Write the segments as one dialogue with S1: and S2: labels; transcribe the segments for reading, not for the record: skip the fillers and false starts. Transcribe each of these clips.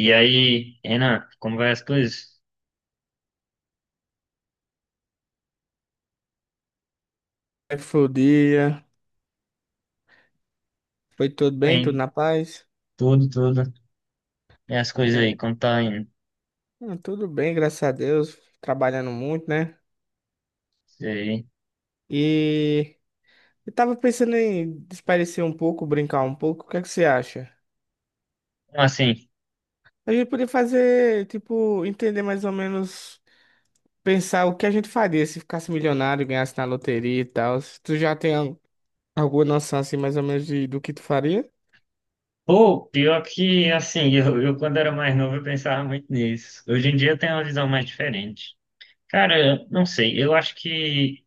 S1: E aí, Renan, como vai as coisas?
S2: Como é que foi o dia? Foi tudo bem? Tudo
S1: Bem,
S2: na paz?
S1: tudo, tudo. E as coisas aí,
S2: É,
S1: como tá indo?
S2: tudo bem, graças a Deus. Trabalhando muito, né?
S1: Sei.
S2: E eu tava pensando em desaparecer um pouco, brincar um pouco. O que é que você acha?
S1: Assim,
S2: A gente podia fazer, tipo, entender mais ou menos, pensar o que a gente faria se ficasse milionário, ganhasse na loteria e tal. Tu já tem alguma noção, assim, mais ou menos de, do que tu faria?
S1: pô, pior que, assim, eu quando era mais novo eu pensava muito nisso. Hoje em dia eu tenho uma visão mais diferente. Cara, eu não sei, eu acho que,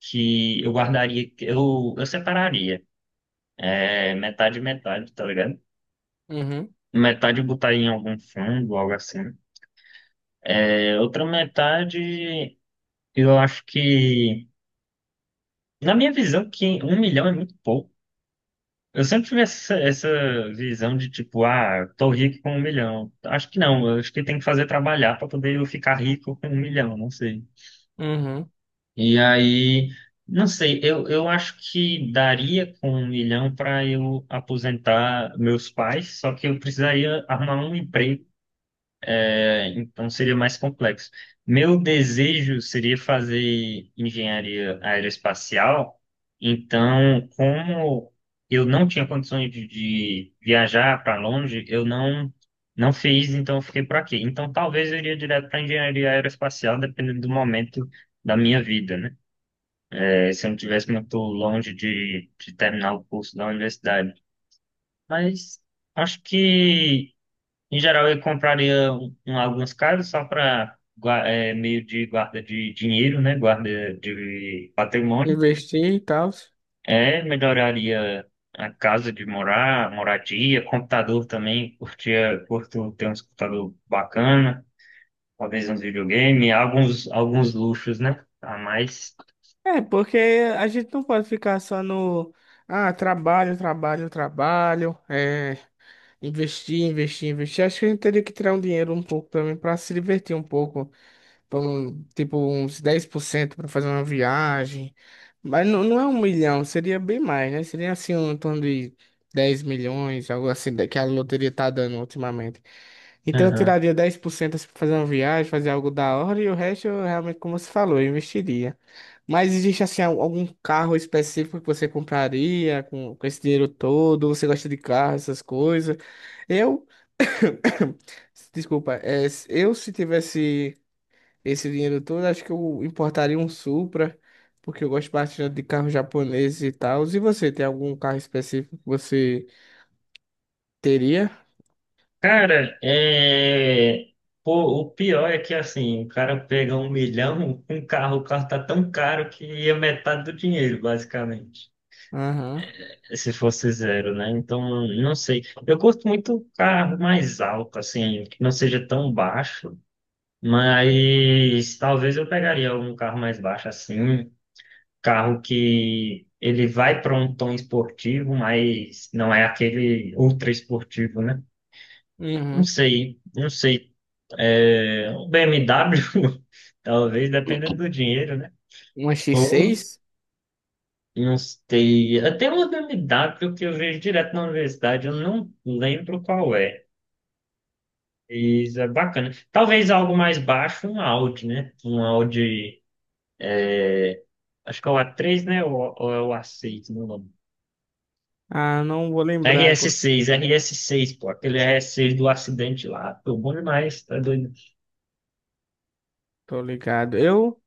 S1: que eu guardaria, eu separaria, metade e metade, tá ligado?
S2: Uhum,
S1: Metade eu botaria em algum fundo, algo assim. É, outra metade, eu acho que, na minha visão, que 1 milhão é muito pouco. Eu sempre tive essa visão de tipo, ah, tô rico com 1 milhão. Acho que não, eu acho que tem que fazer trabalhar para poder eu ficar rico com 1 milhão, não sei.
S2: uhum.
S1: E aí, não sei, eu acho que daria com 1 milhão para eu aposentar meus pais, só que eu precisaria arrumar um emprego então seria mais complexo. Meu desejo seria fazer engenharia aeroespacial, então, como eu não tinha condições de viajar para longe, eu não fiz, então eu fiquei por aqui. Então, talvez eu iria direto para engenharia aeroespacial, dependendo do momento da minha vida, né? É, se eu não tivesse muito longe de terminar o curso da universidade. Mas acho que em geral, eu compraria algumas casas só para meio de guarda de dinheiro, né? Guarda de patrimônio.
S2: Investir e tal?
S1: É, melhoraria a casa de morar, moradia, computador também. Curto ter um computador bacana, talvez uns videogame, alguns luxos, né? A mais.
S2: É, porque a gente não pode ficar só no. Ah, trabalho, trabalho, trabalho. É, investir, investir, investir. Acho que a gente teria que tirar um dinheiro um pouco também para se divertir um pouco. Tipo, uns 10% para fazer uma viagem. Mas não, não é 1 milhão, seria bem mais, né? Seria assim, um em torno de 10 milhões, algo assim, que a loteria tá dando ultimamente. Então eu tiraria 10% assim pra fazer uma viagem, fazer algo da hora, e o resto eu realmente, como você falou, eu investiria. Mas existe assim algum carro específico que você compraria com esse dinheiro todo? Você gosta de carro, essas coisas? Eu, desculpa, é, eu se tivesse esse dinheiro todo, acho que eu importaria um Supra, porque eu gosto bastante de carro japonês e tal. E você, tem algum carro específico que você teria?
S1: Cara. Pô, o pior é que assim, o cara pega 1 milhão, um carro, o carro tá tão caro que é metade do dinheiro, basicamente.
S2: Aham.
S1: Se fosse zero, né? Então, não sei. Eu gosto muito carro mais alto, assim, que não seja tão baixo, mas talvez eu pegaria um carro mais baixo, assim, um carro que ele vai para um tom esportivo, mas não é aquele ultra esportivo, né? Não
S2: Uhum.
S1: sei, não sei. É, um BMW, talvez, dependendo do dinheiro, né?
S2: Uma
S1: Ou,
S2: X6?
S1: não sei. Até uma BMW que eu vejo direto na universidade, eu não lembro qual é. Isso é bacana. Talvez algo mais baixo, um Audi, né? Um Audi, acho que é o A3, né? Ou é o A6, não lembro.
S2: Ah, não vou lembrar agora,
S1: RS6, RS6, pô, aquele RS6 do acidente lá, pô, bom demais, tá doido.
S2: tô ligado.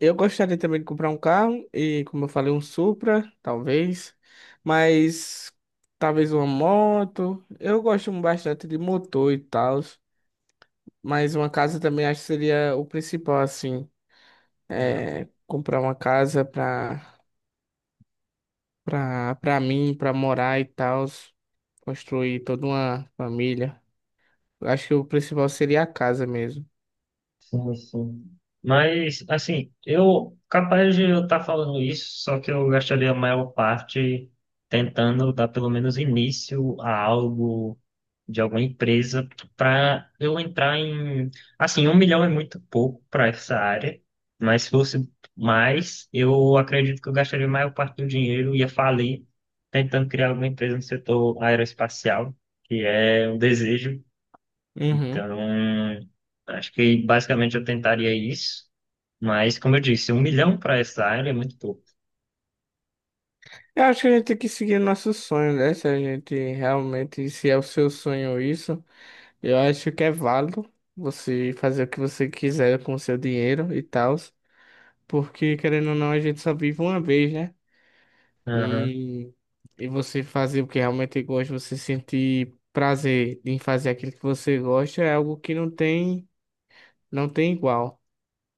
S2: Eu gostaria também de comprar um carro e, como eu falei, um Supra, talvez, mas talvez uma moto. Eu gosto bastante de motor e tal, mas uma casa também acho que seria o principal, assim,
S1: Ah,
S2: é comprar uma casa pra, pra, pra mim, pra morar e tal, construir toda uma família. Eu Acho que o principal seria a casa mesmo.
S1: sim, sim. Mas, assim, eu capaz de eu estar falando isso, só que eu gastaria a maior parte tentando dar pelo menos início a algo de alguma empresa para eu entrar em. Assim, 1 milhão é muito pouco para essa área, mas se fosse mais, eu acredito que eu gastaria a maior parte do dinheiro, ia falir tentando criar alguma empresa no setor aeroespacial, que é um desejo
S2: Uhum.
S1: então, acho que basicamente eu tentaria isso. Mas, como eu disse, 1 milhão para essa área é muito pouco.
S2: Eu acho que a gente tem que seguir nosso sonho, né? Se a gente realmente, se é o seu sonho isso, eu acho que é válido você fazer o que você quiser com o seu dinheiro e tal, porque querendo ou não, a gente só vive uma vez, né?
S1: Aham.
S2: E, e você fazer o que realmente gosta, você sentir prazer em fazer aquilo que você gosta, é algo que não tem, não tem igual.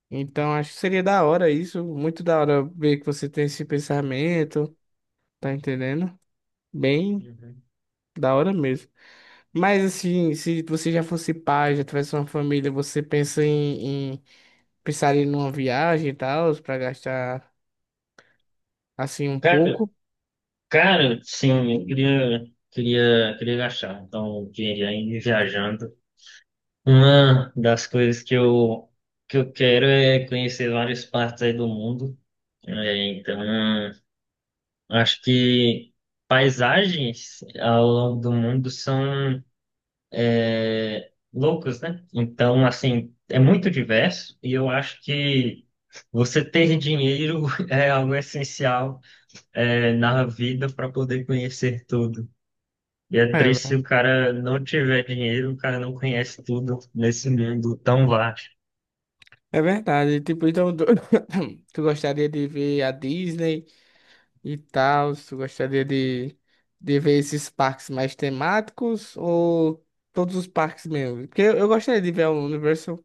S2: Então, acho que seria da hora isso, muito da hora ver que você tem esse pensamento, tá entendendo? Bem
S1: Uhum.
S2: da hora mesmo. Mas assim, se você já fosse pai, já tivesse uma família, você pensaria numa viagem e tal, pra gastar assim um
S1: Cara,
S2: pouco?
S1: cara, sim, eu queria gastar. Então, o dinheiro aí viajando. Uma das coisas que eu quero é conhecer várias partes aí do mundo. É, então, acho que paisagens ao longo do mundo são loucos, né? Então, assim, é muito diverso e eu acho que você ter dinheiro é algo essencial, é, na vida para poder conhecer tudo. E é
S2: É,
S1: triste se o cara não tiver dinheiro, o cara não conhece tudo nesse mundo tão vasto.
S2: é verdade. Tipo, então tu, tu gostaria de ver a Disney e tal, tu gostaria de ver esses parques mais temáticos ou todos os parques mesmo? Porque eu gostaria de ver a Universal.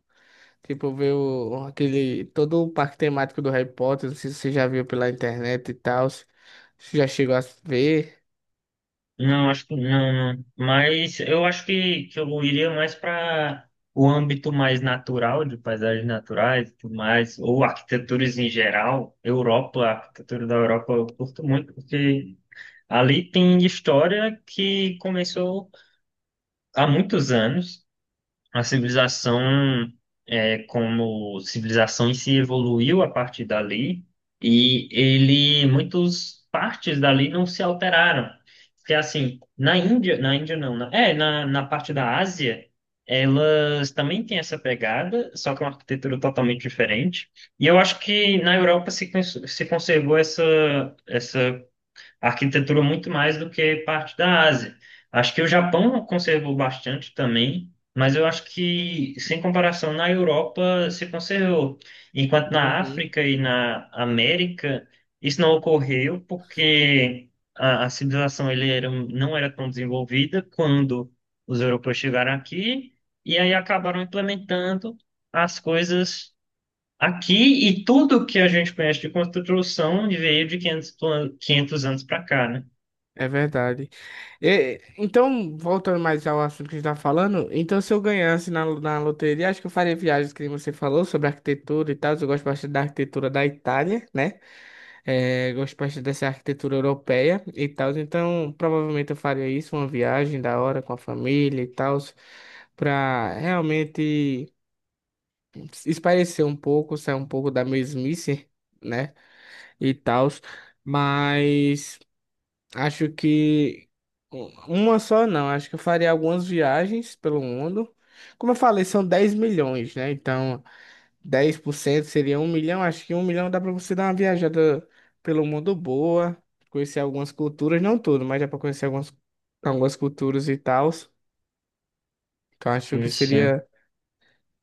S2: Tipo, ver o, aquele, todo o parque temático do Harry Potter, não sei se você já viu pela internet e tal, se já chegou a ver.
S1: Não, acho que não, não. Mas eu acho que eu iria mais para o âmbito mais natural, de paisagens naturais e tudo mais, ou arquiteturas em geral. Europa, a arquitetura da Europa eu curto muito, porque ali tem história que começou há muitos anos. A civilização, é, como civilização em si, evoluiu a partir dali e ele, muitas partes dali não se alteraram. Porque assim, na Índia não, na parte da Ásia, elas também têm essa pegada, só que é uma arquitetura totalmente diferente. E eu acho que na Europa se conservou essa, essa a arquitetura muito mais do que parte da Ásia. Acho que o Japão conservou bastante também, mas eu acho que, sem comparação, na Europa se conservou. Enquanto na
S2: Uhum.
S1: África e na América, isso não ocorreu porque a civilização ele era, não era tão desenvolvida quando os europeus chegaram aqui, e aí acabaram implementando as coisas aqui e tudo que a gente conhece de construção veio de 500 anos para cá, né?
S2: É verdade. Então, voltando mais ao assunto que a gente tá falando, então se eu ganhasse na, na loteria, acho que eu faria viagens que nem você falou sobre arquitetura e tal. Eu gosto bastante da arquitetura da Itália, né? É, gosto bastante dessa arquitetura europeia e tal. Então, provavelmente eu faria isso, uma viagem da hora com a família e tal, pra realmente. Espairecer um pouco, sair um pouco da mesmice, né? E tal, mas acho que uma só não, acho que eu faria algumas viagens pelo mundo. Como eu falei, são 10 milhões, né? Então, 10% seria 1 milhão. Acho que 1 milhão dá para você dar uma viajada pelo mundo boa, conhecer algumas culturas, não tudo, mas dá para conhecer algumas, algumas culturas e tal. Então, acho que
S1: Isso.
S2: seria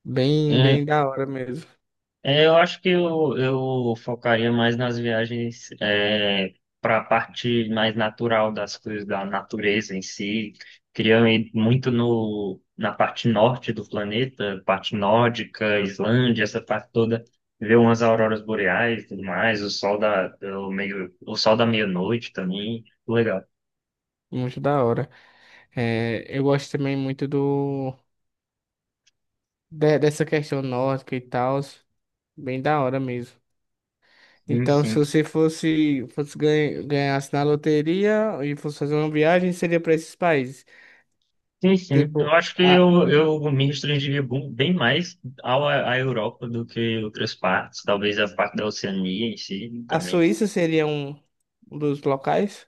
S2: bem,
S1: É,
S2: bem da hora mesmo.
S1: é, eu acho que eu focaria mais nas viagens para a parte mais natural das coisas, da natureza em si. Queria ir muito no, na parte norte do planeta, parte nórdica, Islândia, essa parte toda. Ver umas auroras boreais e tudo mais, o sol da meia-noite também. Legal.
S2: Muito da hora. É, eu gosto também muito do, dessa questão nórdica e tal, bem da hora mesmo.
S1: Sim,
S2: Então, se
S1: sim.
S2: você fosse ganhasse na loteria e fosse fazer uma viagem, seria para esses países.
S1: Sim, sim. Eu
S2: Tipo,
S1: acho que eu me restringiria bem mais à Europa do que outras partes. Talvez a parte da Oceania em si
S2: a
S1: também.
S2: Suíça seria um dos locais.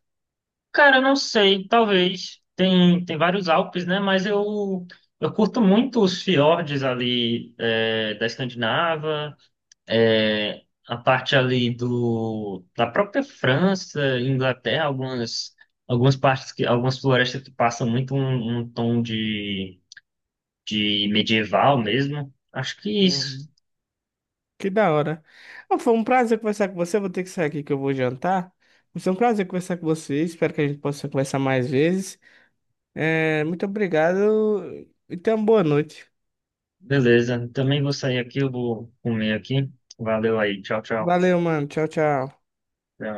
S1: Cara, eu não sei. Talvez. Tem vários Alpes, né? Mas eu curto muito os fiordes ali da Escandinava, é, a parte ali da própria França, Inglaterra, algumas florestas que passam muito um tom de medieval mesmo. Acho que isso.
S2: Uhum. Que da hora. Ah, foi um prazer conversar com você. Eu vou ter que sair aqui que eu vou jantar. Mas foi um prazer conversar com você. Espero que a gente possa conversar mais vezes. É, muito obrigado e tenha uma boa noite.
S1: Beleza. Também vou sair aqui, eu vou comer aqui. Valeu aí. Tchau, tchau.
S2: Valeu, mano. Tchau, tchau.